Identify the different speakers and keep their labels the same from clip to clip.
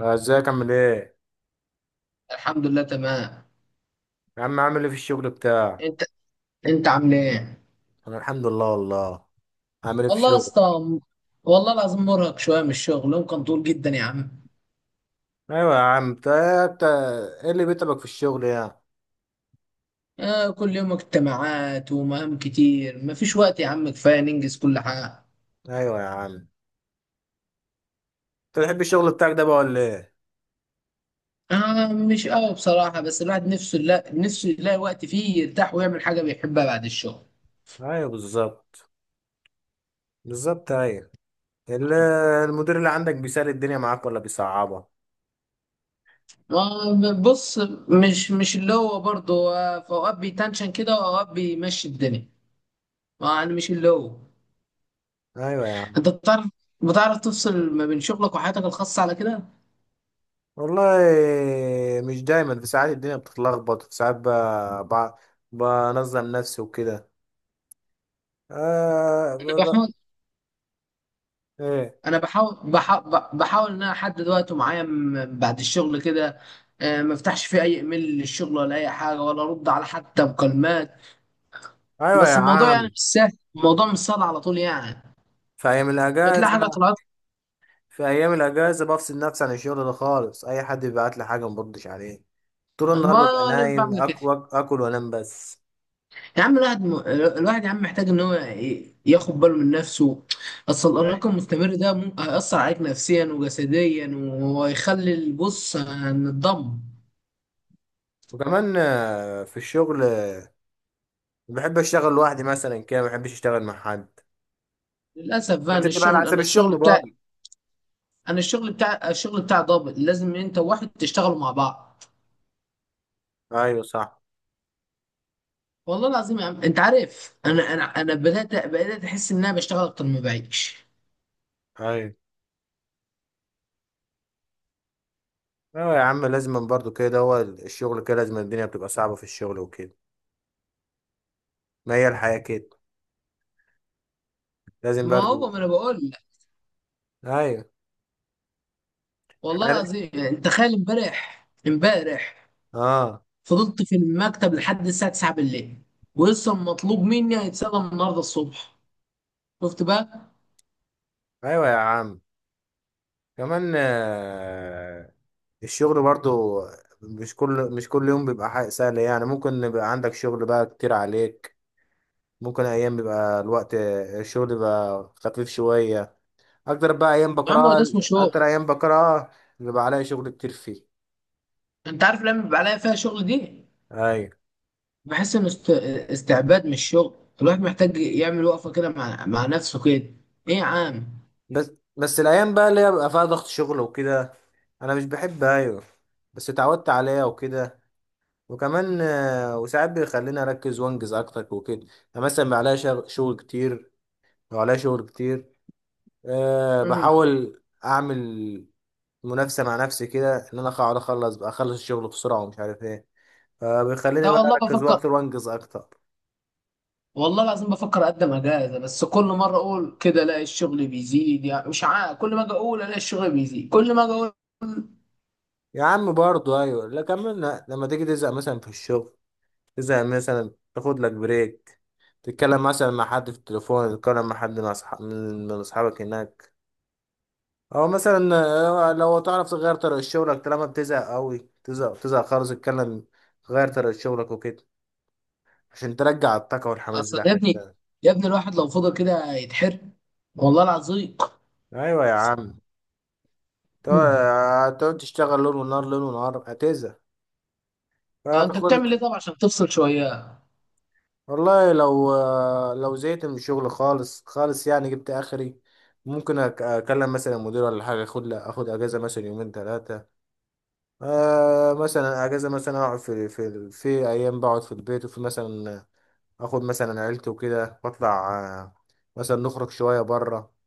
Speaker 1: آه، ازيك؟ عامل ايه؟
Speaker 2: الحمد لله تمام.
Speaker 1: يا عم، عامل ايه في الشغل بتاعك؟
Speaker 2: انت انت عامل ايه؟
Speaker 1: انا الحمد لله والله. عامل ايه في
Speaker 2: والله يا
Speaker 1: الشغل؟
Speaker 2: اسطى. والله العظيم مرهق شويه من الشغل، يوم كان طول جدا يا عم.
Speaker 1: ايوه يا عم، انت ايه اللي بيتعبك في الشغل يعني؟
Speaker 2: آه، كل يوم اجتماعات ومهام كتير، مفيش وقت يا عم كفايه ننجز كل حاجه.
Speaker 1: ايوه يا عم، انت بتحب الشغل بتاعك ده بقى ولا ايه؟
Speaker 2: آه، مش قوي بصراحه، بس الواحد نفسه، لا، نفسه يلاقي وقت فيه يرتاح ويعمل حاجه بيحبها بعد الشغل.
Speaker 1: ايوه بالظبط، بالظبط ايوه. ال- المدير اللي عندك بيسهل الدنيا معاك ولا بيصعبها؟
Speaker 2: آه بص، مش اللي هو برضه، في اوقات بيتنشن كده واوقات بيمشي الدنيا. يعني مش اللي هو.
Speaker 1: ايوه يا عم
Speaker 2: انت بتعرف تفصل ما بين شغلك وحياتك الخاصه على كده؟
Speaker 1: والله، مش دايما، في ساعات الدنيا بتتلخبط، في ساعات ب... بنظم نفسي وكده. آه ب... ب...
Speaker 2: بحاول.
Speaker 1: ايه.
Speaker 2: انا بحاول ان انا احدد وقت معين بعد الشغل كده. آه، ما افتحش فيه اي ايميل للشغل ولا اي حاجه ولا ارد على حتى مكالمات.
Speaker 1: ايوه يا
Speaker 2: بس الموضوع يعني
Speaker 1: عم،
Speaker 2: مش سهل، الموضوع مش سهل على طول يعني.
Speaker 1: في ايام
Speaker 2: تلاقي حاجه
Speaker 1: الاجازه
Speaker 2: طلعت.
Speaker 1: في ايام الاجازه بفصل نفسي عن الشغل ده خالص، اي حد بيبعت لي حاجه ما بردش عليه. طول النهار ببقى
Speaker 2: ما انا
Speaker 1: نايم،
Speaker 2: بعمل كده.
Speaker 1: اكل اكل وانام بس.
Speaker 2: يا عم الواحد يا عم محتاج ان هو ياخد باله من نفسه. اصل
Speaker 1: أيوة.
Speaker 2: الارهاق المستمر ده ممكن هيأثر عليك نفسيا وجسديا، ويخلي البص هنتدمر.
Speaker 1: وكمان في الشغل بحب اشتغل لوحدي مثلا كده، ما بحبش اشتغل مع حد.
Speaker 2: للاسف
Speaker 1: ما
Speaker 2: بقى،
Speaker 1: انت
Speaker 2: إن
Speaker 1: بتبقى على
Speaker 2: الشغل،
Speaker 1: حسب
Speaker 2: انا الشغل
Speaker 1: الشغل
Speaker 2: بتاعي،
Speaker 1: برضه.
Speaker 2: انا الشغل بتاع، الشغل بتاع ضابط، لازم انت وواحد تشتغلوا مع بعض.
Speaker 1: ايوه صح.
Speaker 2: والله العظيم يا عم، انت عارف، انا بدات احس ان انا بشتغل اكتر ما بعيش.
Speaker 1: ايوه. ايوه يا عم، لازم برضه كده، هو الشغل كده، لازم الدنيا بتبقى صعبه في الشغل وكده. ما هي الحياه كده، لازم
Speaker 2: ما
Speaker 1: برضه.
Speaker 2: هو ما انا بقول لك.
Speaker 1: ايوه.
Speaker 2: والله
Speaker 1: حر-
Speaker 2: العظيم، يعني تخيل، امبارح
Speaker 1: اه.
Speaker 2: فضلت في المكتب لحد الساعه 9 بالليل، ولسه مطلوب مني هيتسلم النهارده الصبح. شفت بقى؟
Speaker 1: ايوه يا عم. كمان الشغل برضو مش كل يوم بيبقى حاجة سهلة يعني، ممكن يبقى عندك شغل بقى كتير عليك، ممكن أيام بيبقى الوقت الشغل بيبقى خفيف شوية. أكتر بقى أيام
Speaker 2: يا عم هو ده
Speaker 1: بكرهها،
Speaker 2: اسمه شغل.
Speaker 1: أكتر أيام بكرهها. بيبقى عليا شغل كتير فيه.
Speaker 2: انت عارف لما بيبقى عليا فيها شغل دي،
Speaker 1: أيوة.
Speaker 2: بحس ان استعباد مش شغل. الواحد محتاج يعمل وقفه كده، مع نفسه كده. ايه يا عم.
Speaker 1: بس بس الأيام بقى اللي هي بيبقى فيها ضغط شغل وكده أنا مش بحب. أيوة. بس اتعودت عليها وكده. وكمان وساعات بيخليني أركز وأنجز أكتر وكده، يعني مثلا بيبقى عليا شغل كتير، وعليا شغل كتير. أه
Speaker 2: امم
Speaker 1: بحاول اعمل منافسه مع نفسي كده، ان انا اقعد اخلص بقى اخلص الشغل بسرعه ومش عارف ايه، فبيخليني
Speaker 2: لا،
Speaker 1: بقى
Speaker 2: والله
Speaker 1: اركز
Speaker 2: بفكر،
Speaker 1: اكتر وانجز اكتر.
Speaker 2: والله العظيم بفكر اقدم اجازه، بس كل مره اقول كده الاقي الشغل بيزيد. يعني مش عارف، كل ما اجي اقول الاقي الشغل بيزيد، كل ما اجي اقول.
Speaker 1: يا عم برضه، ايوه لا كملنا، لما تيجي تزهق مثلا في الشغل، تزهق مثلا تاخد لك بريك، تتكلم مثلا مع حد في التليفون، تتكلم مع حد، مع أصحاب، من اصحابك هناك، او مثلا لو تعرف تغير طريقه شغلك، طالما بتزهق قوي، تزهق تزهق خالص، اتكلم، غير طريقه شغلك وكده، عشان ترجع الطاقه والحماس
Speaker 2: اصل يا ابني،
Speaker 1: بتاعتك.
Speaker 2: يا ابني الواحد لو فضل كده يتحرق، والله العظيم.
Speaker 1: ايوه يا عم. تقعد
Speaker 2: مم.
Speaker 1: هتقعد تشتغل ليل ونهار، ليل ونهار هتزهق.
Speaker 2: انت بتعمل
Speaker 1: فدخلت.
Speaker 2: ايه طب عشان تفصل شويه؟
Speaker 1: والله لو لو زهقت من الشغل خالص خالص يعني، جبت اخري. ممكن اكلم مثلا المدير ولا حاجه، اخد اجازه مثلا يومين ثلاثه. آه مثلا اجازه، مثلا اقعد في ايام، بقعد في البيت وفي مثلا، اخد مثلا عيلتي وكده واطلع، آه، مثلا نخرج شويه بره.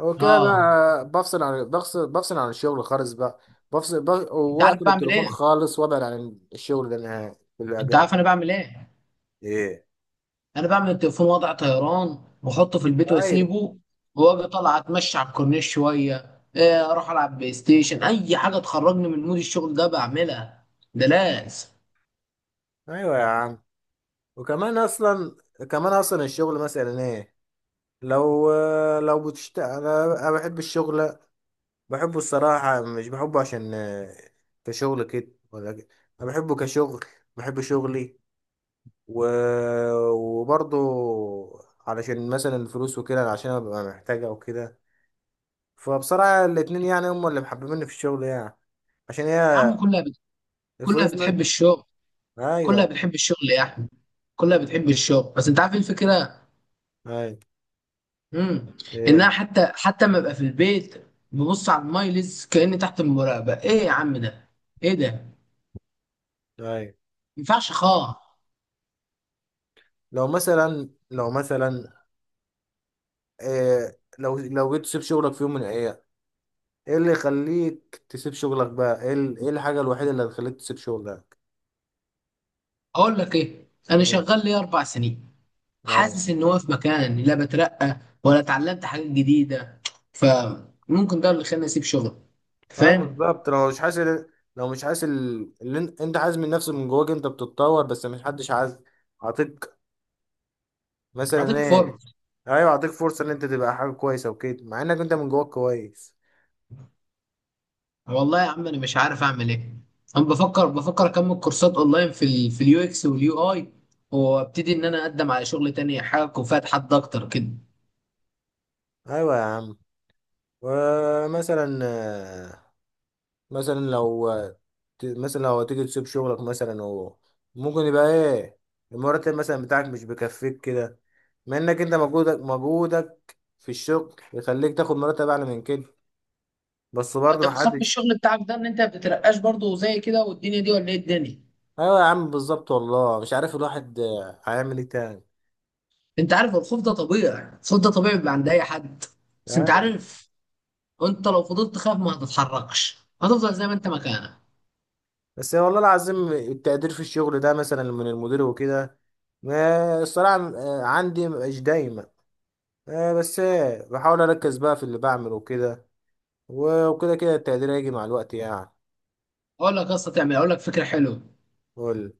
Speaker 1: هو كده
Speaker 2: اه.
Speaker 1: بقى، بفصل عن الشغل خالص بقى،
Speaker 2: انت عارف
Speaker 1: واقفل
Speaker 2: بعمل
Speaker 1: التليفون
Speaker 2: ايه؟
Speaker 1: خالص وابعد عن الشغل ده نهائي في
Speaker 2: انت عارف انا
Speaker 1: الاجازه.
Speaker 2: بعمل ايه؟
Speaker 1: ايه.
Speaker 2: انا بعمل التليفون وضع طيران واحطه في البيت
Speaker 1: ايوه.
Speaker 2: واسيبه، واجي طالع اتمشى على الكورنيش شويه، اروح العب بلاي ستيشن، اي حاجه تخرجني من مود الشغل ده بعملها. ده لازم.
Speaker 1: ايوه يا عم، وكمان اصلا كمان اصلا الشغل مثلا ايه، لو لو بتشت أنا بحب الشغل، بحبه الصراحه، مش بحبه عشان كشغل كده ولا كده، انا بحبه كشغل، بحب شغلي، و... وبرضه علشان مثلا الفلوس وكده، عشان أنا ببقى محتاجها وكده، فبصراحة الاتنين يعني هم اللي محببيني في الشغل يعني، عشان
Speaker 2: يا
Speaker 1: هي
Speaker 2: عم كلها
Speaker 1: الفلوس
Speaker 2: بتحب الشغل،
Speaker 1: ايوه.
Speaker 2: كلها بتحب الشغل يا احمد، كلها بتحب الشغل. بس انت عارف ايه الفكره؟
Speaker 1: ايوه.
Speaker 2: امم انها
Speaker 1: ايه.
Speaker 2: حتى ما ابقى في البيت، ببص على المايلز كاني تحت المراقبه. ايه يا عم ده؟ ايه ده؟ ما
Speaker 1: ايوه.
Speaker 2: ينفعش خالص.
Speaker 1: لو مثلا إيه، لو جيت تسيب شغلك في يوم من الايام، ايه اللي يخليك تسيب شغلك بقى، ايه ايه الحاجة الوحيدة اللي هتخليك تسيب شغلك؟
Speaker 2: اقول لك ايه، انا
Speaker 1: ايوه.
Speaker 2: شغال لي 4 سنين،
Speaker 1: ايوه.
Speaker 2: حاسس ان هو في مكان، لا بترقى ولا اتعلمت حاجات جديده. فممكن ده اللي خلاني اسيب شغل.
Speaker 1: اه
Speaker 2: فاهم؟
Speaker 1: بالظبط، لو مش حاسس اللي انت عايز من نفسك، من جواك انت بتتطور بس مش حدش عايز عاطيك، مثلا
Speaker 2: اعطيك
Speaker 1: ايه.
Speaker 2: فرص.
Speaker 1: ايوه، اعطيك فرصه ان انت تبقى حاجه كويسه وكده، مع انك انت من جواك كويس.
Speaker 2: والله يا عم انا مش عارف اعمل ايه، انا بفكر اكمل كورسات اونلاين في ال في اليو اكس واليو اي، وابتدي ان انا اقدم على شغل تاني، حاجه تكون فيها تحدي اكتر كده.
Speaker 1: ايوه يا عم. ومثلا مثلا لو مثلا لو تيجي تسيب شغلك مثلا ممكن يبقى ايه؟ المرتب مثلا بتاعك مش بيكفيك كده، مع انك انت مجهودك في الشغل يخليك تاخد مرتب اعلى من كده، بس برضه
Speaker 2: انت بتخاف من
Speaker 1: محدش.
Speaker 2: الشغل بتاعك ده ان انت ما بتترقاش برضه زي كده والدنيا دي، ولا ايه الدنيا؟
Speaker 1: ايوه يا عم بالظبط، والله مش عارف الواحد هيعمل ايه تاني.
Speaker 2: انت عارف الخوف ده طبيعي، الخوف ده طبيعي بيبقى عند اي حد. بس انت
Speaker 1: أيوة.
Speaker 2: عارف، انت لو فضلت تخاف ما هتتحركش، هتفضل زي ما انت مكانك.
Speaker 1: بس والله العظيم، التقدير في الشغل ده مثلا من المدير وكده، ما الصراحة عندي مش دايما، بس بحاول اركز بقى في اللي بعمله وكده، وكده كده التقدير هيجي مع الوقت يعني.
Speaker 2: اقول لك فكره حلوه.
Speaker 1: قول.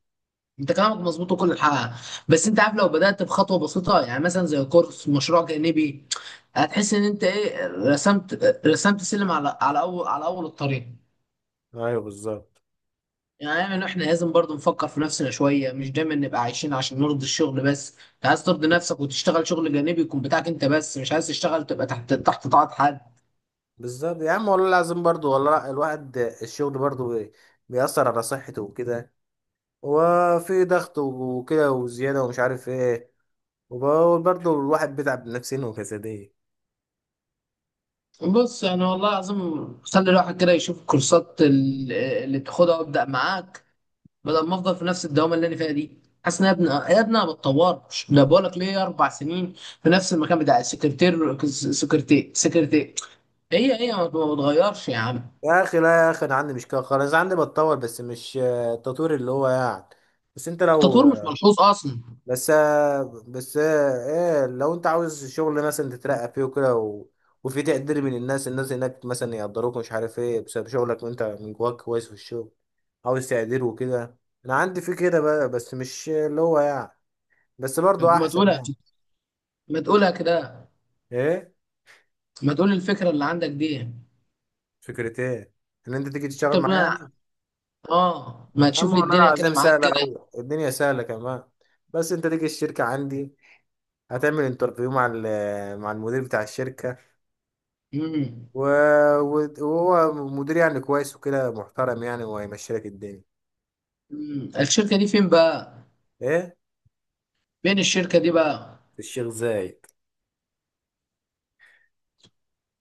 Speaker 2: انت كلامك مظبوط وكل حاجه. بس انت عارف، لو بدات بخطوه بسيطه، يعني مثلا زي كورس مشروع جانبي، هتحس ان انت ايه، رسمت سلم على اول الطريق.
Speaker 1: ايوه بالظبط.
Speaker 2: يعني احنا، لازم برضو نفكر في نفسنا شويه، مش دايما نبقى عايشين عشان نرضي الشغل بس. انت عايز ترضي نفسك وتشتغل شغل جانبي يكون بتاعك انت، بس مش عايز تشتغل تبقى تحت طاعه حد.
Speaker 1: بالظبط يا عم، والله العظيم برضو، والله لا، الواحد الشغل برضو بيأثر على صحته وكده، وفي ضغط وكده وزيادة ومش عارف ايه، وبقول برضو الواحد بيتعب نفسيا وجسديا.
Speaker 2: بص يعني والله العظيم، خلي الواحد كده يشوف الكورسات اللي تاخدها وابدا معاك، بدل ما افضل في نفس الدوامه اللي انا فيها دي. حاسس ان، يا ابني، يا ابني انا ما بتطورش. انا بقول لك ليه، 4 سنين في نفس المكان بتاع السكرتير، سكرتير سكرتير، هي هي ما بتغيرش يا عم.
Speaker 1: يا اخي لا يا اخي، انا عندي مشكلة خالص، عندي بتطور بس مش التطوير اللي هو يعني. بس انت لو
Speaker 2: التطوير مش ملحوظ اصلا.
Speaker 1: بس بس ايه لو انت عاوز شغل مثلا تترقى فيه وكده، وفي تقدير من الناس هناك مثلا يقدروك، مش عارف ايه، بسبب شغلك وانت من جواك كويس في الشغل، عاوز تقدير وكده. انا عندي في كده بقى بس مش اللي هو يعني، بس برضو
Speaker 2: طب
Speaker 1: احسن يعني.
Speaker 2: ما تقولها كده،
Speaker 1: ايه.
Speaker 2: ما تقول الفكره اللي عندك دي.
Speaker 1: فكرة ايه؟ ان انت تيجي
Speaker 2: مش
Speaker 1: تشتغل
Speaker 2: انت
Speaker 1: معايا
Speaker 2: بتقول أنا-.
Speaker 1: يعني.
Speaker 2: اه، ما تشوف لي
Speaker 1: اما انا
Speaker 2: الدنيا كده
Speaker 1: العزام
Speaker 2: معاك
Speaker 1: سهلة
Speaker 2: كده.
Speaker 1: اوي، الدنيا سهلة كمان. بس انت تيجي الشركة عندي، هتعمل انترفيو مع مع المدير بتاع الشركة،
Speaker 2: امم.
Speaker 1: و... وهو مدير يعني كويس وكده، محترم يعني، وهيمشي لك الدنيا.
Speaker 2: أمم. الشركه دي فين بقى؟
Speaker 1: ايه.
Speaker 2: فين الشركه دي بقى؟
Speaker 1: في الشيخ زايد.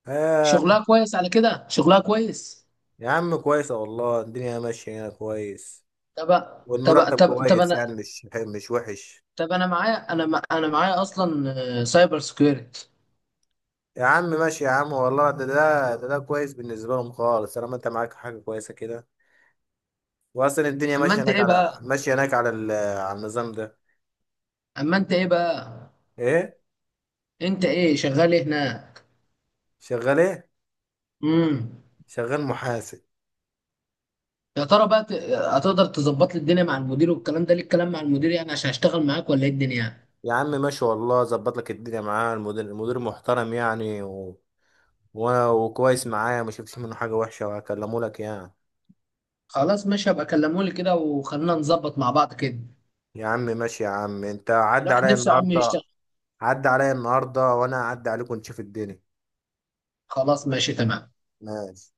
Speaker 1: آه.
Speaker 2: شغلها كويس على كده، شغلها كويس.
Speaker 1: يا عم كويسة والله، الدنيا ماشية هنا كويس،
Speaker 2: طب طب
Speaker 1: والمرتب
Speaker 2: طب طب
Speaker 1: كويس
Speaker 2: انا
Speaker 1: يعني، مش وحش.
Speaker 2: طب انا معايا، اصلا سايبر سكيورتي.
Speaker 1: يا عم ماشي يا عم، والله ده كويس بالنسبة لهم خالص، طالما انت معاك حاجة كويسة كده، وأصلا الدنيا
Speaker 2: اما
Speaker 1: ماشية
Speaker 2: انت
Speaker 1: هناك
Speaker 2: ايه بقى،
Speaker 1: على النظام ده.
Speaker 2: اما انت ايه بقى
Speaker 1: ايه؟
Speaker 2: انت ايه شغال ايه هناك؟
Speaker 1: شغال ايه؟
Speaker 2: امم
Speaker 1: شغال محاسب.
Speaker 2: يا ترى بقى، هتقدر تظبط لي الدنيا مع المدير؟ والكلام ده ليه الكلام مع المدير يعني، عشان هشتغل معاك ولا ايه الدنيا يعني؟
Speaker 1: يا عم ماشي والله، ظبط لك الدنيا معاه، المدير محترم يعني، وانا وكويس معايا، ما شفتش منه حاجه وحشه، وهكلمه لك يعني.
Speaker 2: خلاص ماشي، هبقى كلمولي كده وخلينا نظبط مع بعض كده.
Speaker 1: يا عم ماشي يا عم، انت عدى
Speaker 2: الواحد
Speaker 1: عليا
Speaker 2: نفسه يا عم
Speaker 1: النهارده،
Speaker 2: يشتغل.
Speaker 1: وانا اعدي عليكم نشوف الدنيا.
Speaker 2: خلاص ماشي تمام.
Speaker 1: ماشي.